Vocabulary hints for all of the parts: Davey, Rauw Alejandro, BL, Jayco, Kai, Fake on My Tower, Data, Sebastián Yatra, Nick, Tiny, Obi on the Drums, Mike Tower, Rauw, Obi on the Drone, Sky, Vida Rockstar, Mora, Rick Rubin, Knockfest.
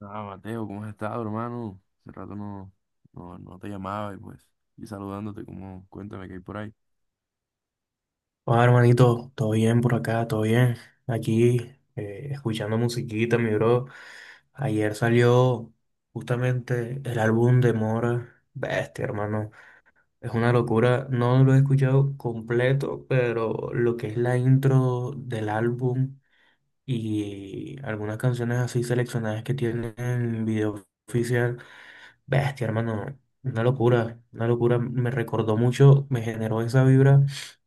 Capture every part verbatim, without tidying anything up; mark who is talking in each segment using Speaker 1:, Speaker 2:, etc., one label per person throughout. Speaker 1: Ah, Mateo, ¿cómo has estado, hermano? Hace rato no, no, no te llamaba y pues, y saludándote, como, cuéntame qué hay por ahí.
Speaker 2: Hola, hermanito, todo bien por acá, todo bien. Aquí, eh, escuchando musiquita, mi bro. Ayer salió justamente el álbum de Mora. Bestia, hermano. Es una locura. No lo he escuchado completo, pero lo que es la intro del álbum y algunas canciones así seleccionadas que tienen video oficial. Bestia, hermano, una locura, una locura. Me recordó mucho, me generó esa vibra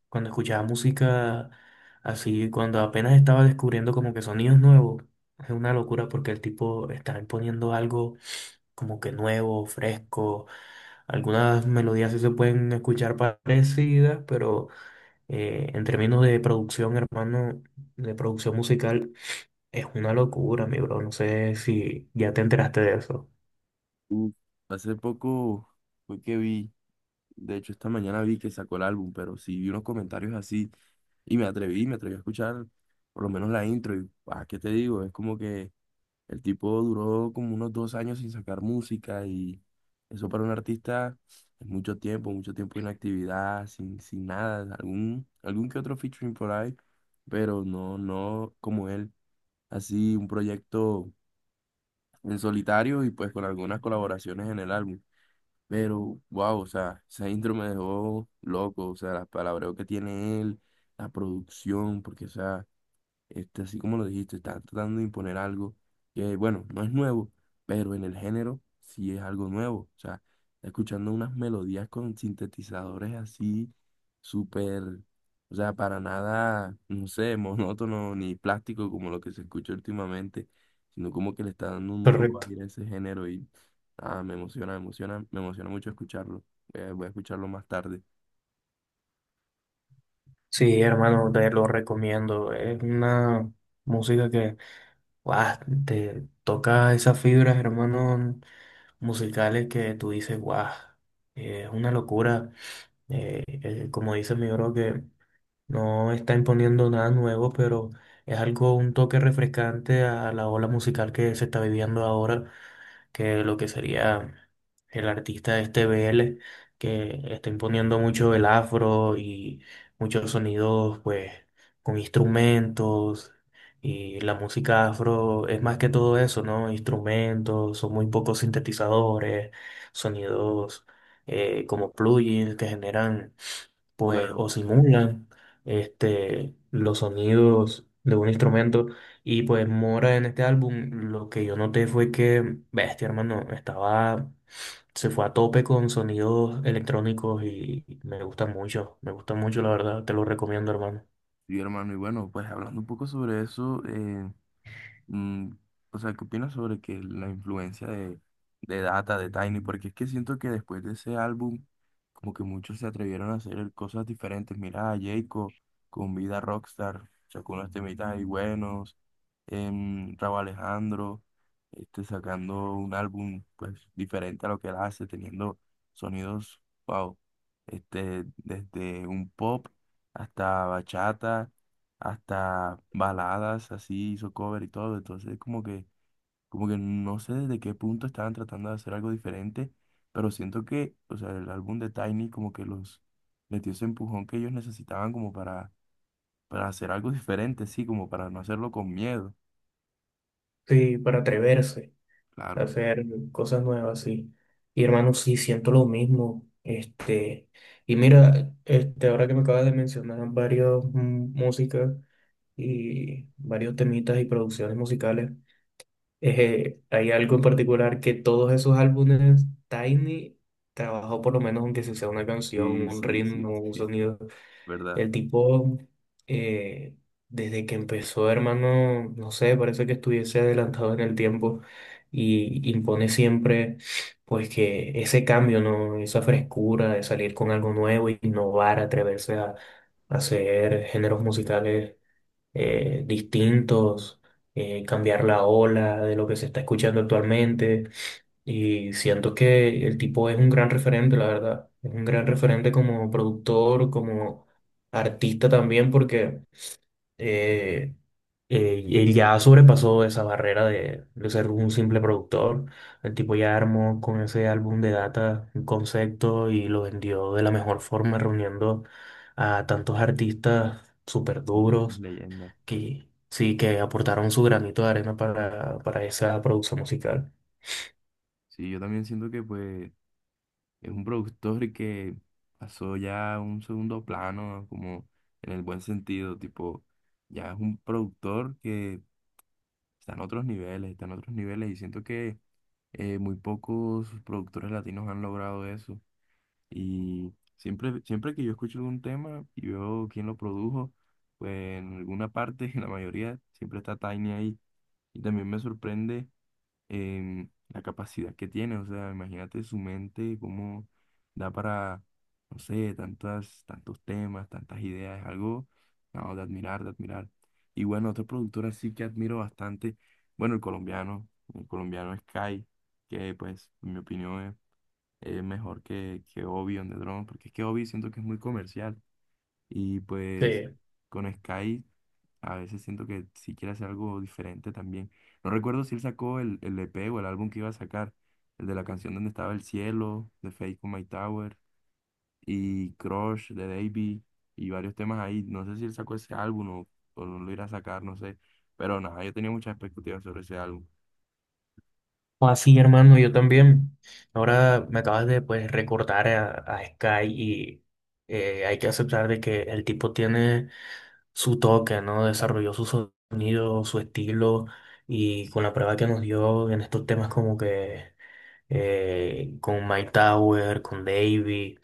Speaker 2: cuando escuchaba música así, cuando apenas estaba descubriendo como que sonidos nuevos. Es una locura porque el tipo está imponiendo algo como que nuevo, fresco. Algunas melodías sí se pueden escuchar parecidas, pero eh, en términos de producción, hermano, de producción musical, es una locura, mi bro. No sé si ya te enteraste de eso.
Speaker 1: Uf, hace poco fue que vi, de hecho esta mañana vi que sacó el álbum, pero sí vi unos comentarios así y me atreví, me atreví a escuchar por lo menos la intro y, ah, ¿qué te digo? Es como que el tipo duró como unos dos años sin sacar música y eso para un artista es mucho tiempo, mucho tiempo de inactividad, sin, sin nada, algún, algún que otro featuring por ahí, pero no, no como él, así un proyecto en solitario y pues con algunas colaboraciones en el álbum. Pero wow, o sea, esa intro me dejó loco, o sea, las palabreos que tiene él, la producción, porque o sea... Este, así como lo dijiste, está tratando de imponer algo que, bueno, no es nuevo, pero en el género sí es algo nuevo. O sea, está escuchando unas melodías con sintetizadores así, súper, o sea, para nada, no sé, monótono ni plástico como lo que se escucha últimamente, sino como que le está dando un nuevo
Speaker 2: Correcto.
Speaker 1: aire a ese género y ah, me emociona, me emociona, me emociona mucho escucharlo. Eh, voy a escucharlo más tarde.
Speaker 2: Sí, hermano, te lo recomiendo. Es una música que guau, te toca esas fibras, hermano, musicales que tú dices, guau, eh, es una locura. Eh, eh, como dice mi bro, que no está imponiendo nada nuevo, pero es algo, un toque refrescante a la ola musical que se está viviendo ahora, que lo que sería el artista este B L, que está imponiendo mucho el afro y muchos sonidos, pues, con instrumentos. Y la música afro es más que todo eso, ¿no? Instrumentos, son muy pocos sintetizadores, sonidos eh, como plugins que generan, pues,
Speaker 1: Claro.
Speaker 2: o simulan este, los sonidos de un instrumento. Y pues Mora en este álbum, lo que yo noté fue que, bestia, hermano, estaba, se fue a tope con sonidos electrónicos y me gusta mucho, me gusta mucho, la verdad, te lo recomiendo, hermano.
Speaker 1: Sí, hermano, y bueno, pues hablando un poco sobre eso. Mm, o sea, ¿qué opinas sobre que la influencia de, de Data, de Tiny? Porque es que siento que después de ese álbum, como que muchos se atrevieron a hacer cosas diferentes. Mira a Jayco con Vida Rockstar, sacó unos temitas ahí buenos. Em, Rauw Alejandro, este, sacando un álbum pues diferente a lo que él hace, teniendo sonidos, wow, este, desde un pop hasta bachata hasta baladas así, hizo cover y todo, entonces como que, como que no sé desde qué punto estaban tratando de hacer algo diferente, pero siento que, o sea, el álbum de Tiny como que los les dio ese empujón que ellos necesitaban como para, para hacer algo diferente, sí, como para no hacerlo con miedo,
Speaker 2: Sí, para atreverse,
Speaker 1: claro.
Speaker 2: hacer cosas nuevas, sí. Y hermano, sí, siento lo mismo. Este, y mira, este, ahora que me acabas de mencionar varios mm, músicas y varios temitas y producciones musicales, eh, hay algo en particular que todos esos álbumes, Tiny trabajó por lo menos, aunque si sea una canción,
Speaker 1: Sí,
Speaker 2: un
Speaker 1: sí, sí,
Speaker 2: ritmo, un sonido.
Speaker 1: verdad.
Speaker 2: El tipo, eh, desde que empezó, hermano, no sé, parece que estuviese adelantado en el tiempo y impone siempre, pues, que ese cambio, ¿no? Esa frescura de salir con algo nuevo, innovar, atreverse a hacer géneros musicales eh, distintos, eh, cambiar la ola de lo que se está escuchando actualmente. Y siento que el tipo es un gran referente, la verdad. Es un gran referente como productor, como artista también, porque eh, eh, él ya sobrepasó esa barrera de, de ser un simple productor. El tipo ya armó con ese álbum de Data un concepto y lo vendió de la mejor forma, reuniendo a tantos artistas súper
Speaker 1: Y las
Speaker 2: duros
Speaker 1: leyendas.
Speaker 2: que sí, que aportaron su granito de arena para, para esa producción musical.
Speaker 1: Sí, yo también siento que pues es un productor que pasó ya a un segundo plano, como en el buen sentido, tipo, ya es un productor que está en otros niveles, está en otros niveles y siento que eh, muy pocos productores latinos han logrado eso. Y siempre, siempre que yo escucho algún tema y veo quién lo produjo, pues en alguna parte, en la mayoría, siempre está Tiny ahí. Y también me sorprende em, la capacidad que tiene, o sea, imagínate su mente, cómo da para, no sé, tantas, tantos temas, tantas ideas, es algo, no, de admirar, de admirar. Y bueno, otro productor así que admiro bastante, bueno, el colombiano, el colombiano es Kai, que pues, en mi opinión es, es mejor que, que Obi on the Drone, porque es que Obi siento que es muy comercial, y pues
Speaker 2: Sí,
Speaker 1: con Sky a veces siento que si quiere hacer algo diferente también. No recuerdo si él sacó el, el E P o el álbum que iba a sacar. El de la canción donde estaba el cielo, de Fake on My Tower, y Crush de Davey, y varios temas ahí. No sé si él sacó ese álbum o, o no lo irá a sacar, no sé. Pero nada, yo tenía muchas expectativas sobre ese álbum.
Speaker 2: así, hermano, yo también. Ahora me acabas de, pues, recordar a, a Sky y eh, hay que aceptar de que el tipo tiene su toque, ¿no? Desarrolló su sonido, su estilo y con la prueba que nos dio en estos temas como que eh, con Mike Tower, con Davey,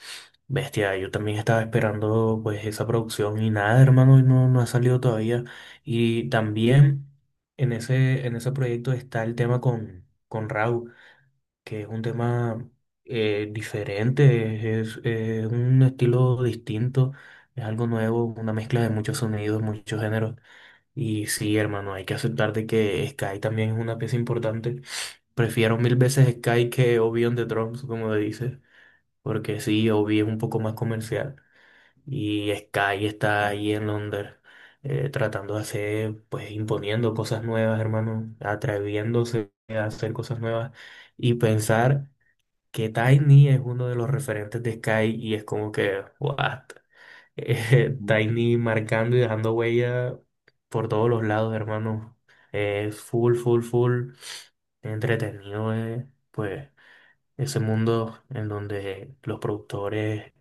Speaker 2: bestia, yo también estaba esperando pues esa producción y nada, hermano, y no, no ha salido todavía. Y también en ese, en ese proyecto está el tema con, con Rauw, que es un tema eh, diferente, es, es un estilo distinto, es algo nuevo, una mezcla de muchos sonidos, muchos géneros. Y sí, hermano, hay que aceptar de que Sky también es una pieza importante. Prefiero mil veces Sky que Obi on the Drums, como dices, porque sí, Obi es un poco más comercial y Sky está ahí en Londres, eh, tratando de hacer, pues imponiendo cosas nuevas, hermano, atreviéndose a hacer cosas nuevas. Y pensar que Tiny es uno de los referentes de Sky y es como que, what? Eh,
Speaker 1: Ujú.
Speaker 2: Tiny marcando y dejando huella por todos los lados, hermano. Es full, full, full entretenido, eh, pues, ese mundo en donde los productores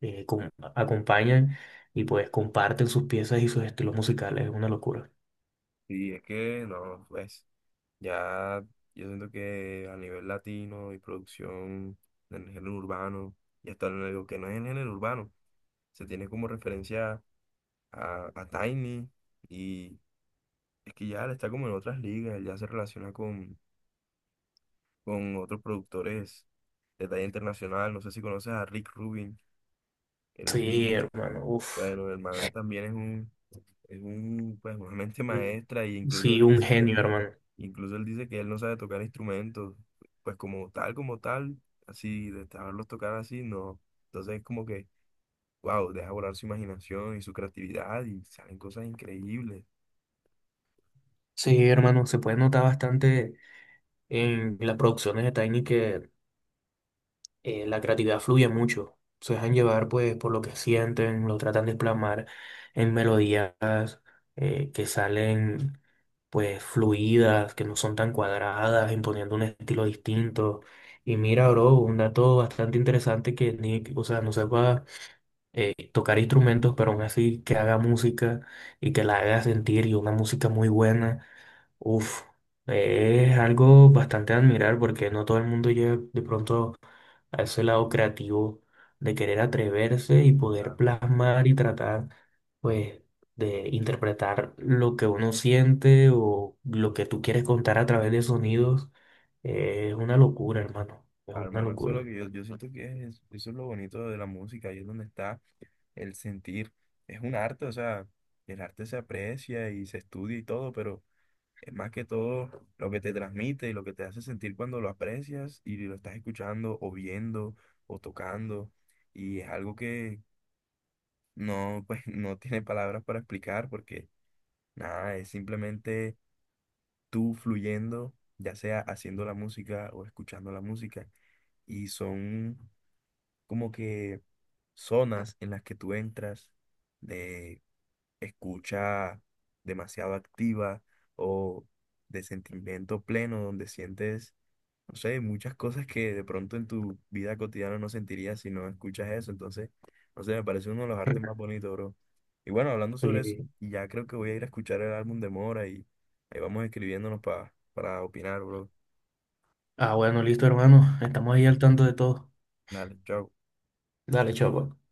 Speaker 2: eh, com- acompañan y pues comparten sus piezas y sus estilos musicales. Es una locura.
Speaker 1: Sí, es que no, pues ya yo siento que a nivel latino y producción en el género urbano, y hasta en lo digo que no es en el género urbano, se tiene como referencia a, a Tiny y es que ya él está como en otras ligas, él ya se relaciona con, con otros productores de talla internacional, no sé si conoces a Rick Rubin, él es
Speaker 2: Sí,
Speaker 1: un,
Speaker 2: hermano, uff.
Speaker 1: bueno, el man también es un, es un, pues una mente maestra y incluso
Speaker 2: Sí,
Speaker 1: él
Speaker 2: un
Speaker 1: dice que,
Speaker 2: genio, hermano.
Speaker 1: incluso él dice que él no sabe tocar instrumentos, pues como tal, como tal, así, de saberlos tocar así, no, entonces es como que, wow, deja volar su imaginación y su creatividad y salen cosas increíbles.
Speaker 2: Sí, hermano, se puede notar bastante en las producciones de Tiny que eh, la creatividad fluye mucho. Se dejan llevar pues por lo que sienten, lo tratan de plasmar en melodías eh, que salen pues fluidas, que no son tan cuadradas, imponiendo un estilo distinto. Y mira, bro, un dato bastante interesante que Nick, o sea, no sepa eh, tocar instrumentos, pero aún así que haga música y que la haga sentir y una música muy buena. Uf, eh, es algo bastante a admirar porque no todo el mundo llega de pronto a ese lado creativo de querer atreverse y poder
Speaker 1: Claro.
Speaker 2: plasmar y tratar, pues, de interpretar lo que uno siente o lo que tú quieres contar a través de sonidos. Eh, es una locura, hermano. Es
Speaker 1: Ah,
Speaker 2: una
Speaker 1: hermano, eso es lo
Speaker 2: locura.
Speaker 1: que yo, yo siento que es, eso es lo bonito de la música, ahí es donde está el sentir. Es un arte, o sea, el arte se aprecia y se estudia y todo, pero es más que todo lo que te transmite y lo que te hace sentir cuando lo aprecias y lo estás escuchando o viendo o tocando. Y es algo que no, pues, no tiene palabras para explicar porque nada, es simplemente tú fluyendo, ya sea haciendo la música o escuchando la música y son como que zonas en las que tú entras de escucha demasiado activa o de sentimiento pleno, donde sientes, no sé, muchas cosas que de pronto en tu vida cotidiana no sentirías si no escuchas eso. Entonces, no sé, me parece uno de los artes más bonitos, bro. Y bueno, hablando sobre eso,
Speaker 2: Sí.
Speaker 1: ya creo que voy a ir a escuchar el álbum de Mora y ahí vamos escribiéndonos pa- para opinar, bro.
Speaker 2: Ah, bueno, listo, hermano. Estamos ahí al tanto de todo.
Speaker 1: Dale, chao.
Speaker 2: Dale, chao. Pues.